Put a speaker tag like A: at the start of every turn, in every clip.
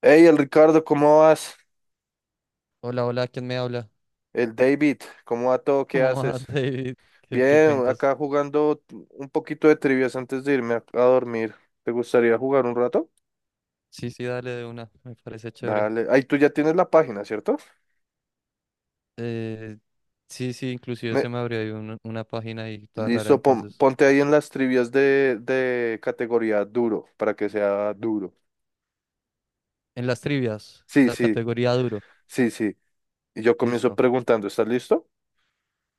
A: Hey, el Ricardo, ¿cómo vas?
B: Hola, hola, ¿quién me habla?
A: El David, ¿cómo va todo? ¿Qué
B: ¿Cómo vas,
A: haces?
B: David? ¿Qué
A: Bien,
B: cuentas?
A: acá jugando un poquito de trivias antes de irme a dormir. ¿Te gustaría jugar un rato?
B: Sí, sí, dale de una, me parece chévere.
A: Dale. Ahí tú ya tienes la página, ¿cierto?
B: Eh, sí, sí, inclusive
A: Me-
B: se me abrió ahí una página ahí toda rara,
A: Listo,
B: entonces.
A: ponte ahí en las trivias de categoría duro, para que sea duro.
B: En las trivias,
A: Sí,
B: la
A: sí,
B: categoría duro,
A: sí, sí. Y yo comienzo
B: listo.
A: preguntando, ¿estás listo?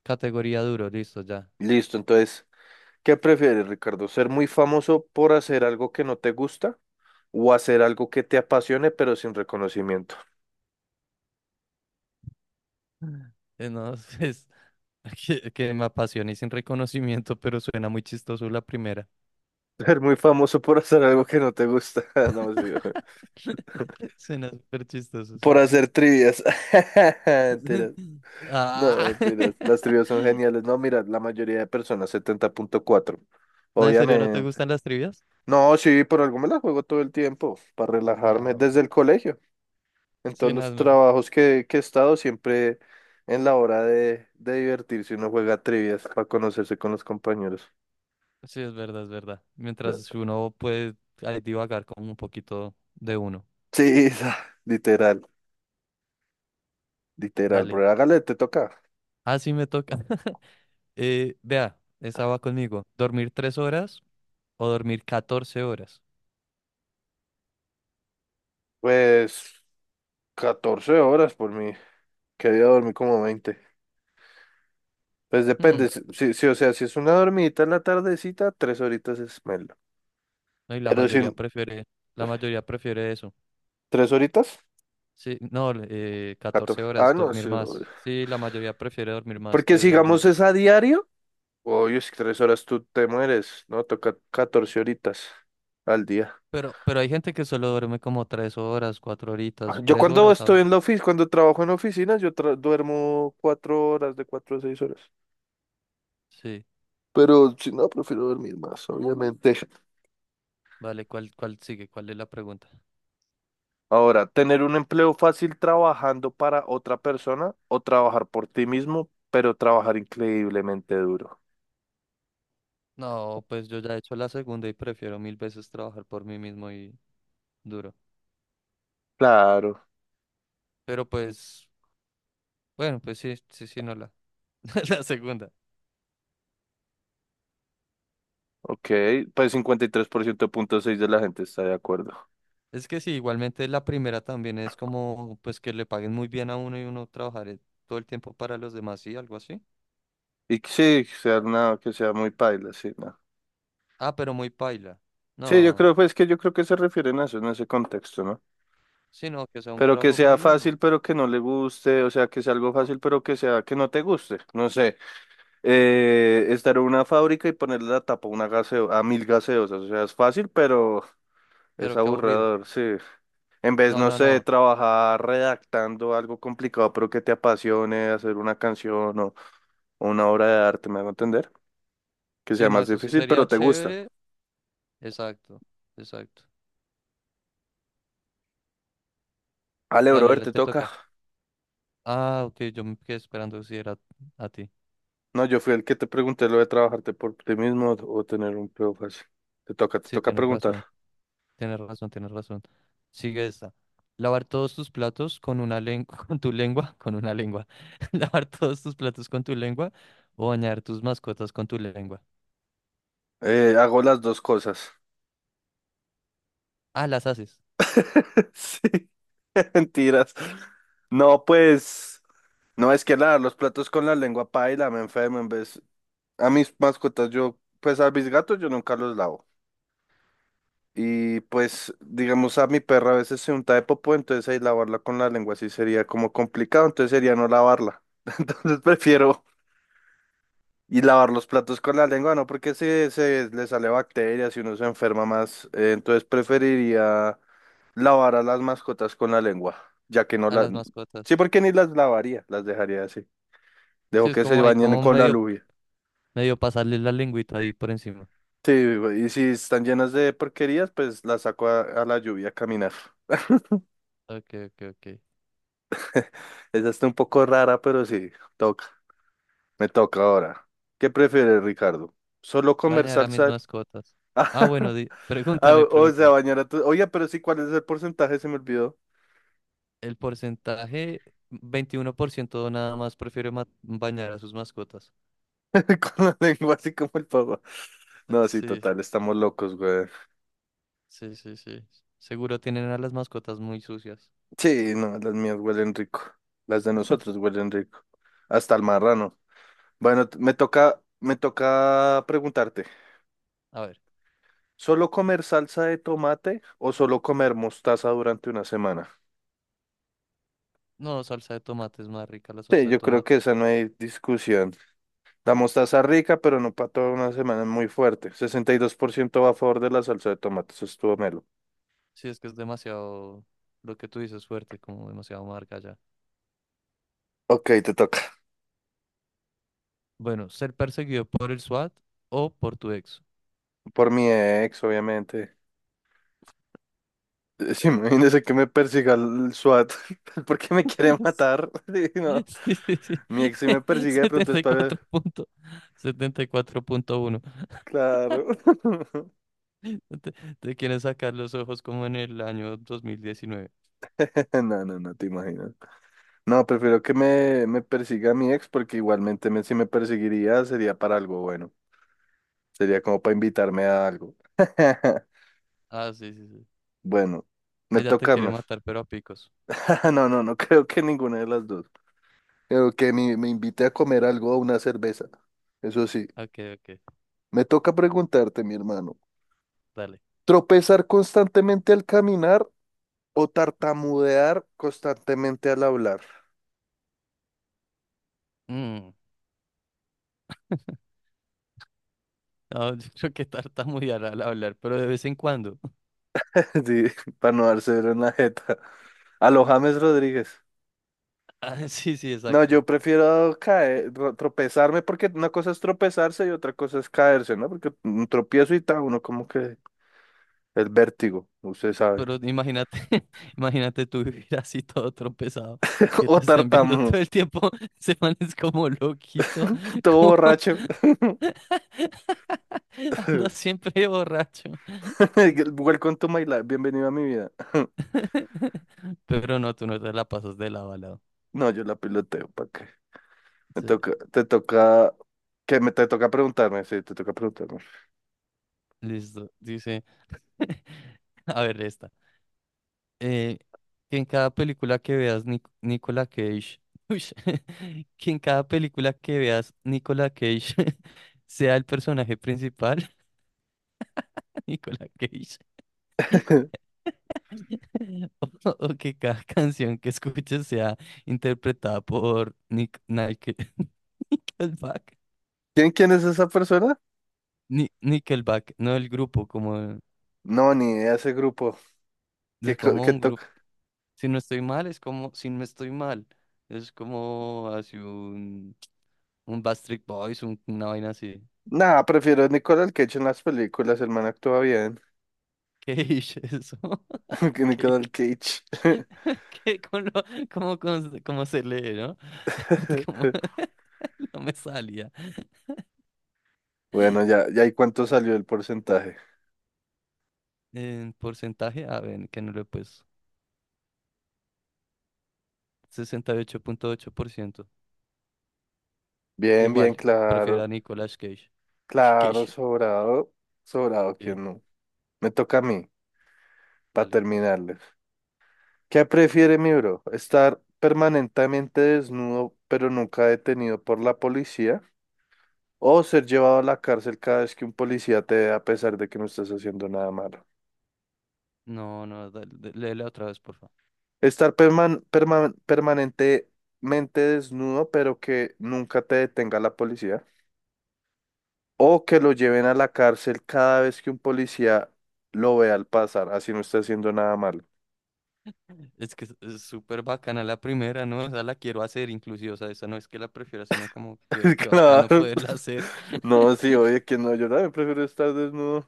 B: Categoría duro, listo, ya.
A: Listo, entonces, ¿qué prefieres, Ricardo? ¿Ser muy famoso por hacer algo que no te gusta o hacer algo que te apasione pero sin reconocimiento?
B: No, es que me apasiona y sin reconocimiento, pero suena muy chistoso la primera.
A: Ser muy famoso por hacer algo que no te gusta. No, sí, ojo.
B: Suena súper chistoso, sí.
A: Por hacer trivias. Mentiras. No,
B: Ah.
A: mentiras. Las trivias son geniales. No, mira, la mayoría de personas, 70,4.
B: No, ¿en serio no te
A: Obviamente.
B: gustan las trivias?
A: No, sí, por algo me la juego todo el tiempo, para relajarme,
B: Ah, bueno.
A: desde el colegio. En todos
B: Sí, no,
A: los trabajos que he estado, siempre en la hora de divertirse, uno juega trivias para conocerse con los compañeros.
B: sí, es verdad, es verdad. Mientras uno puede ahí divagar como un poquito de uno.
A: Sí, literal. Literal,
B: Dale.
A: bro. Hágale, te toca.
B: Ah, sí, me toca. Vea, esa va conmigo. ¿Dormir 3 horas o dormir 14 horas?
A: Pues 14 horas por mí. Que había dormido como 20. Pues
B: Hmm,
A: depende. Si, o sea, si es una dormidita en la tardecita, 3 horitas es melo.
B: no, y la
A: Pero sin
B: la mayoría prefiere eso.
A: 3 horitas,
B: Sí, no, catorce
A: 14. Ah,
B: horas,
A: no,
B: dormir
A: sí, obvio.
B: más. Sí, la mayoría prefiere dormir más
A: Porque
B: que dormir
A: sigamos es
B: menos.
A: a diario. Oye, si 3 horas tú te mueres, ¿no? Toca 14 horitas al día.
B: Pero hay gente que solo duerme como 3 horas, cuatro
A: Ah,
B: horitas,
A: yo
B: tres
A: cuando
B: horas a
A: estoy en
B: veces.
A: la oficina, cuando trabajo en oficinas, yo duermo 4 horas, de 4 a 6 horas.
B: Sí,
A: Pero si no, prefiero dormir más, obviamente.
B: vale, ¿cuál sigue? ¿Cuál es la pregunta?
A: Ahora, tener un empleo fácil trabajando para otra persona o trabajar por ti mismo, pero trabajar increíblemente duro.
B: No, pues yo ya he hecho la segunda y prefiero mil veces trabajar por mí mismo y duro.
A: Claro,
B: Pero pues, bueno, pues sí, sí, sí, no la segunda.
A: ok. Pues 53,6% de la gente está de acuerdo.
B: Es que sí, igualmente la primera también es como, pues que le paguen muy bien a uno y uno trabajar todo el tiempo para los demás, sí, algo así.
A: Y que sí, que sea nada, que sea muy paila, sí, no.
B: Ah, pero muy paila.
A: Sí, yo
B: No,
A: creo, pues que yo creo que se refieren a eso en ese contexto, ¿no?
B: sí, no, que sea un
A: Pero que
B: trabajo
A: sea
B: paila, no.
A: fácil, pero que no le guste, o sea, que sea algo fácil, pero que sea que no te guste. No sé, estar en una fábrica y ponerle la tapa a una a 1.000 gaseosas, o sea, es fácil, pero es
B: Pero qué aburrido.
A: aburridor, sí. En vez,
B: No,
A: no
B: no,
A: sé, de
B: no.
A: trabajar redactando algo complicado, pero que te apasione, hacer una canción o una obra de arte, me hago entender. Que sea
B: Sí, no,
A: más
B: eso sí
A: difícil,
B: sería
A: pero te gusta.
B: chévere. Exacto, exacto.
A: Ale,
B: Dale,
A: brother, te
B: te
A: toca.
B: toca. Ah, ok, yo me quedé esperando si era a ti.
A: No, yo fui el que te pregunté lo de trabajarte por ti mismo o tener un empleo fácil. Te
B: Sí,
A: toca
B: tienes
A: preguntar.
B: razón. Tienes razón, tienes razón. Sigue esta. Lavar todos tus platos con una lengua, con tu lengua, con una lengua. Lavar todos tus platos con tu lengua o bañar tus mascotas con tu lengua.
A: Hago las dos cosas.
B: Ah, las haces,
A: Sí, mentiras. No, pues, no es que lavar los platos con la lengua paila, me enfermo en vez. A mis mascotas, yo, pues a mis gatos yo nunca los lavo. Y pues, digamos, a mi perra a veces se unta de popó, entonces ahí lavarla con la lengua sí sería como complicado, entonces sería no lavarla. Entonces prefiero y lavar los platos con la lengua, no, porque si se le sale bacterias y uno se enferma más, entonces preferiría lavar a las mascotas con la lengua, ya que no
B: a
A: la...
B: las
A: Sí,
B: mascotas.
A: porque ni las lavaría, las dejaría así. Dejo
B: Sí, es
A: que se
B: como ahí,
A: bañen
B: como
A: con la
B: medio,
A: luz.
B: medio pasarle la lengüita ahí por encima.
A: Sí, y si están llenas de porquerías, pues las saco a la lluvia a caminar.
B: Ok, ok, ok.
A: Esa está un poco rara, pero sí, toca, me toca ahora. ¿Qué prefieres, Ricardo? ¿Solo comer
B: Bañar a mis
A: salsa?
B: mascotas. Ah, bueno,
A: Ah,
B: pregúntame,
A: o sea,
B: pregúntame.
A: bañar a tu... Oye, pero sí, ¿cuál es el porcentaje? Se me olvidó.
B: El porcentaje, 21% nada más prefiere bañar a sus mascotas.
A: Con la lengua así como el pavo. No, sí,
B: Sí,
A: total, estamos locos, güey.
B: sí, sí, sí. Seguro tienen a las mascotas muy sucias.
A: Sí, no, las mías huelen rico. Las de nosotros huelen rico. Hasta el marrano. Bueno, me toca preguntarte.
B: A ver.
A: ¿Solo comer salsa de tomate o solo comer mostaza durante una semana?
B: No, salsa de tomate es más rica la
A: Sí,
B: salsa de
A: yo creo que
B: tomate.
A: esa no hay discusión. La mostaza rica, pero no para toda una semana, es muy fuerte. 62% va a favor de la salsa de tomate, eso estuvo melo.
B: Sí, es que es demasiado, lo que tú dices, fuerte, como demasiado marca ya.
A: Ok, te toca.
B: Bueno, ser perseguido por el SWAT o por tu ex.
A: Por mi ex, obviamente. Sí, imagínese que me persiga el SWAT porque me quiere matar. Sí, no.
B: Sí, sí, sí.
A: Mi ex sí me persigue de pronto es para...
B: 74 punto, 74.1.
A: Claro.
B: Te, te quieren sacar los ojos como en el año 2019.
A: No, no, no te imaginas. No, prefiero que me persiga mi ex porque igualmente si me perseguiría sería para algo bueno. Sería como para invitarme a algo.
B: Ah, sí, sí, sí.
A: Bueno, me
B: Ella te
A: toca,
B: quiere
A: ¿no?
B: matar, pero a picos.
A: No, no, no creo que ninguna de las dos. Creo que me invite a comer algo o una cerveza. Eso sí,
B: Ok, ok,
A: me toca preguntarte, mi hermano,
B: dale.
A: ¿tropezar constantemente al caminar o tartamudear constantemente al hablar?
B: Mm. No, yo creo que tartamudear al hablar, pero de vez en cuando.
A: Sí, para no dárselo en la jeta. A los James Rodríguez.
B: Ah, sí, sí,
A: No,
B: exacto.
A: yo prefiero caer, tropezarme, porque una cosa es tropezarse y otra cosa es caerse, ¿no? Porque un tropiezo y tal, uno como que el vértigo, usted sabe.
B: Pero imagínate, imagínate tú vivir así todo tropezado, que
A: O
B: te estén viendo todo
A: tartamudo,
B: el tiempo, se man es como loquito,
A: todo
B: como
A: borracho.
B: andas siempre borracho.
A: Welcome to my life, bienvenido a mi vida.
B: Pero no, tú no te la pasas de lado a lado.
A: No, yo la piloteo, ¿para qué? Me
B: Sí,
A: toca, te toca, que me te toca preguntarme, sí, te toca preguntarme.
B: listo. Dice, a ver esta. eh, que en cada película que veas Nicolas Cage, uy, que en cada película que veas Nicolas Cage sea el personaje principal, Nicolas Cage, o, o que cada canción que escuches sea interpretada por Nickelback,
A: ¿Quién es esa persona?
B: Nickelback, no el grupo, como
A: No, ni idea, ese grupo. ¿Qué,
B: es
A: co-
B: como
A: qué
B: un grupo.
A: toca?
B: Si no estoy mal, es como si no estoy mal, es como hace un Backstreet Boys, una vaina así.
A: Nah, prefiero a Nicolas Cage en las películas, el man actúa bien.
B: ¿Qué es eso?
A: Que
B: ¿Qué,
A: Nicolas Cage.
B: qué, cómo, cómo, cómo se lee, ¿no? ¿Cómo? No me salía.
A: Bueno, ya, ya, ¿y cuánto salió el porcentaje?
B: En porcentaje, a ver, que no lo he puesto. 68,8%.
A: Bien,
B: Igual,
A: bien,
B: prefiero
A: claro.
B: a Nicolas Cage.
A: Claro,
B: Cage.
A: sobrado. Sobrado,
B: Sí,
A: que no. Me toca a mí, para
B: dale.
A: terminarles. ¿Qué prefiere mi bro? ¿Estar permanentemente desnudo, pero nunca detenido por la policía? ¿O ser llevado a la cárcel cada vez que un policía te ve a pesar de que no estás haciendo nada malo?
B: No, no, dale, léela otra vez, por favor.
A: Estar permanentemente desnudo, pero que nunca te detenga la policía. O que lo lleven a la cárcel cada vez que un policía lo vea al pasar, así no está haciendo nada malo.
B: Es que es súper bacana la primera, ¿no? O sea, la quiero hacer inclusive, o sea, esa no es que la prefiera, sino como que, que bacano
A: Claro.
B: poderla hacer.
A: No, sí, oye, que no, yo también prefiero estar desnudo.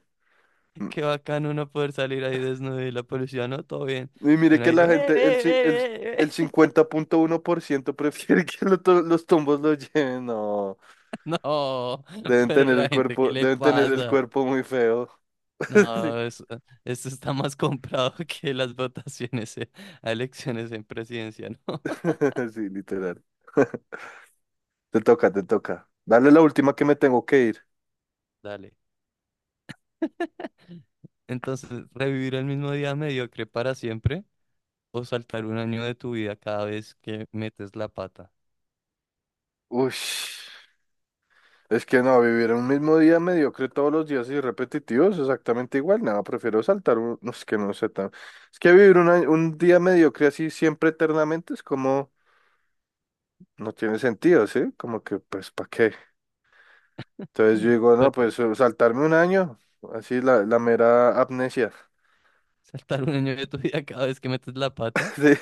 A: Mm,
B: Qué bacano uno poder salir ahí desnudo y la policía, no, todo bien.
A: Y
B: Y
A: mire
B: uno
A: que
B: ahí,
A: la gente, el, ci- el, el
B: Eh".
A: 50,1% prefiere que los tombos lo lleven. No,
B: No,
A: deben
B: pero
A: tener
B: la
A: el
B: gente, ¿qué
A: cuerpo,
B: le
A: deben tener el
B: pasa?
A: cuerpo muy feo. Sí,
B: No, eso, esto está más comprado que las votaciones a elecciones en presidencia, ¿no?
A: sí, literal. Te toca, te toca. Dale la última que me tengo que ir.
B: Dale. Entonces, ¿revivir el mismo día mediocre para siempre o saltar un año de tu vida cada vez que metes la pata?
A: Uy, es que no, vivir un mismo día mediocre todos los días y repetitivos, exactamente igual. Nada, prefiero saltar un... no, es que no sé tan... Es que vivir un día mediocre así siempre eternamente es como... No tiene sentido, ¿sí? Como que, pues, ¿para qué? Entonces yo digo, no,
B: Pero,
A: pues saltarme un año, así la mera amnesia.
B: ¿saltar un año de tu vida cada vez que metes la pata?
A: Sí,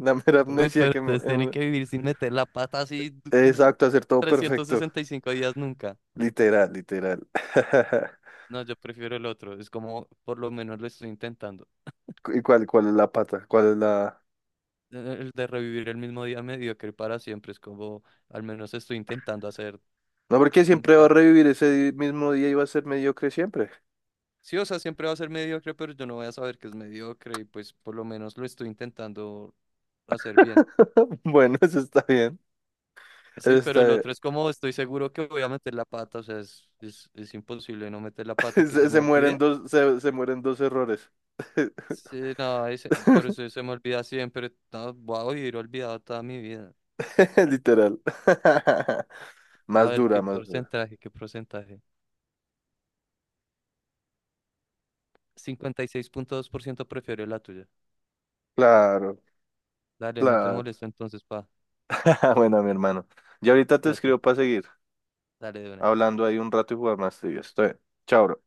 A: la mera
B: Uy,
A: amnesia
B: pero
A: que me...
B: entonces tiene
A: em,
B: que vivir sin meter la pata así
A: Exacto, hacer todo perfecto.
B: 365 días nunca.
A: Literal, literal.
B: No, yo prefiero el otro. Es como, por lo menos lo estoy intentando.
A: ¿Y cuál es la pata? ¿Cuál es la...?
B: El de revivir el mismo día mediocre para siempre. Es como, al menos estoy intentando hacer
A: No, porque
B: un
A: siempre va a
B: día.
A: revivir ese mismo día y va a ser mediocre siempre.
B: Sí, o sea, siempre va a ser mediocre, pero yo no voy a saber que es mediocre y pues por lo menos lo estoy intentando hacer bien.
A: Bueno, eso está bien. Eso
B: Sí, pero
A: está
B: el
A: bien.
B: otro es como, estoy seguro que voy a meter la pata. O sea, es imposible no meter la pata y que se
A: Se,
B: me
A: se mueren
B: olvide.
A: dos, se mueren dos errores.
B: Sí, no, ahí pero se, se me olvida siempre. No, voy a vivir olvidado toda mi vida.
A: Literal.
B: A
A: Más
B: ver,
A: dura,
B: ¿qué
A: más dura.
B: porcentaje? ¿Qué porcentaje? 56,2% prefiero la tuya.
A: Claro,
B: Dale, no te
A: claro.
B: molesto entonces, pa.
A: Bueno, mi hermano. Y ahorita te
B: Fíjate.
A: escribo para seguir
B: Dale de una.
A: hablando ahí un rato y jugar más trivias. Estoy. Chao, bro.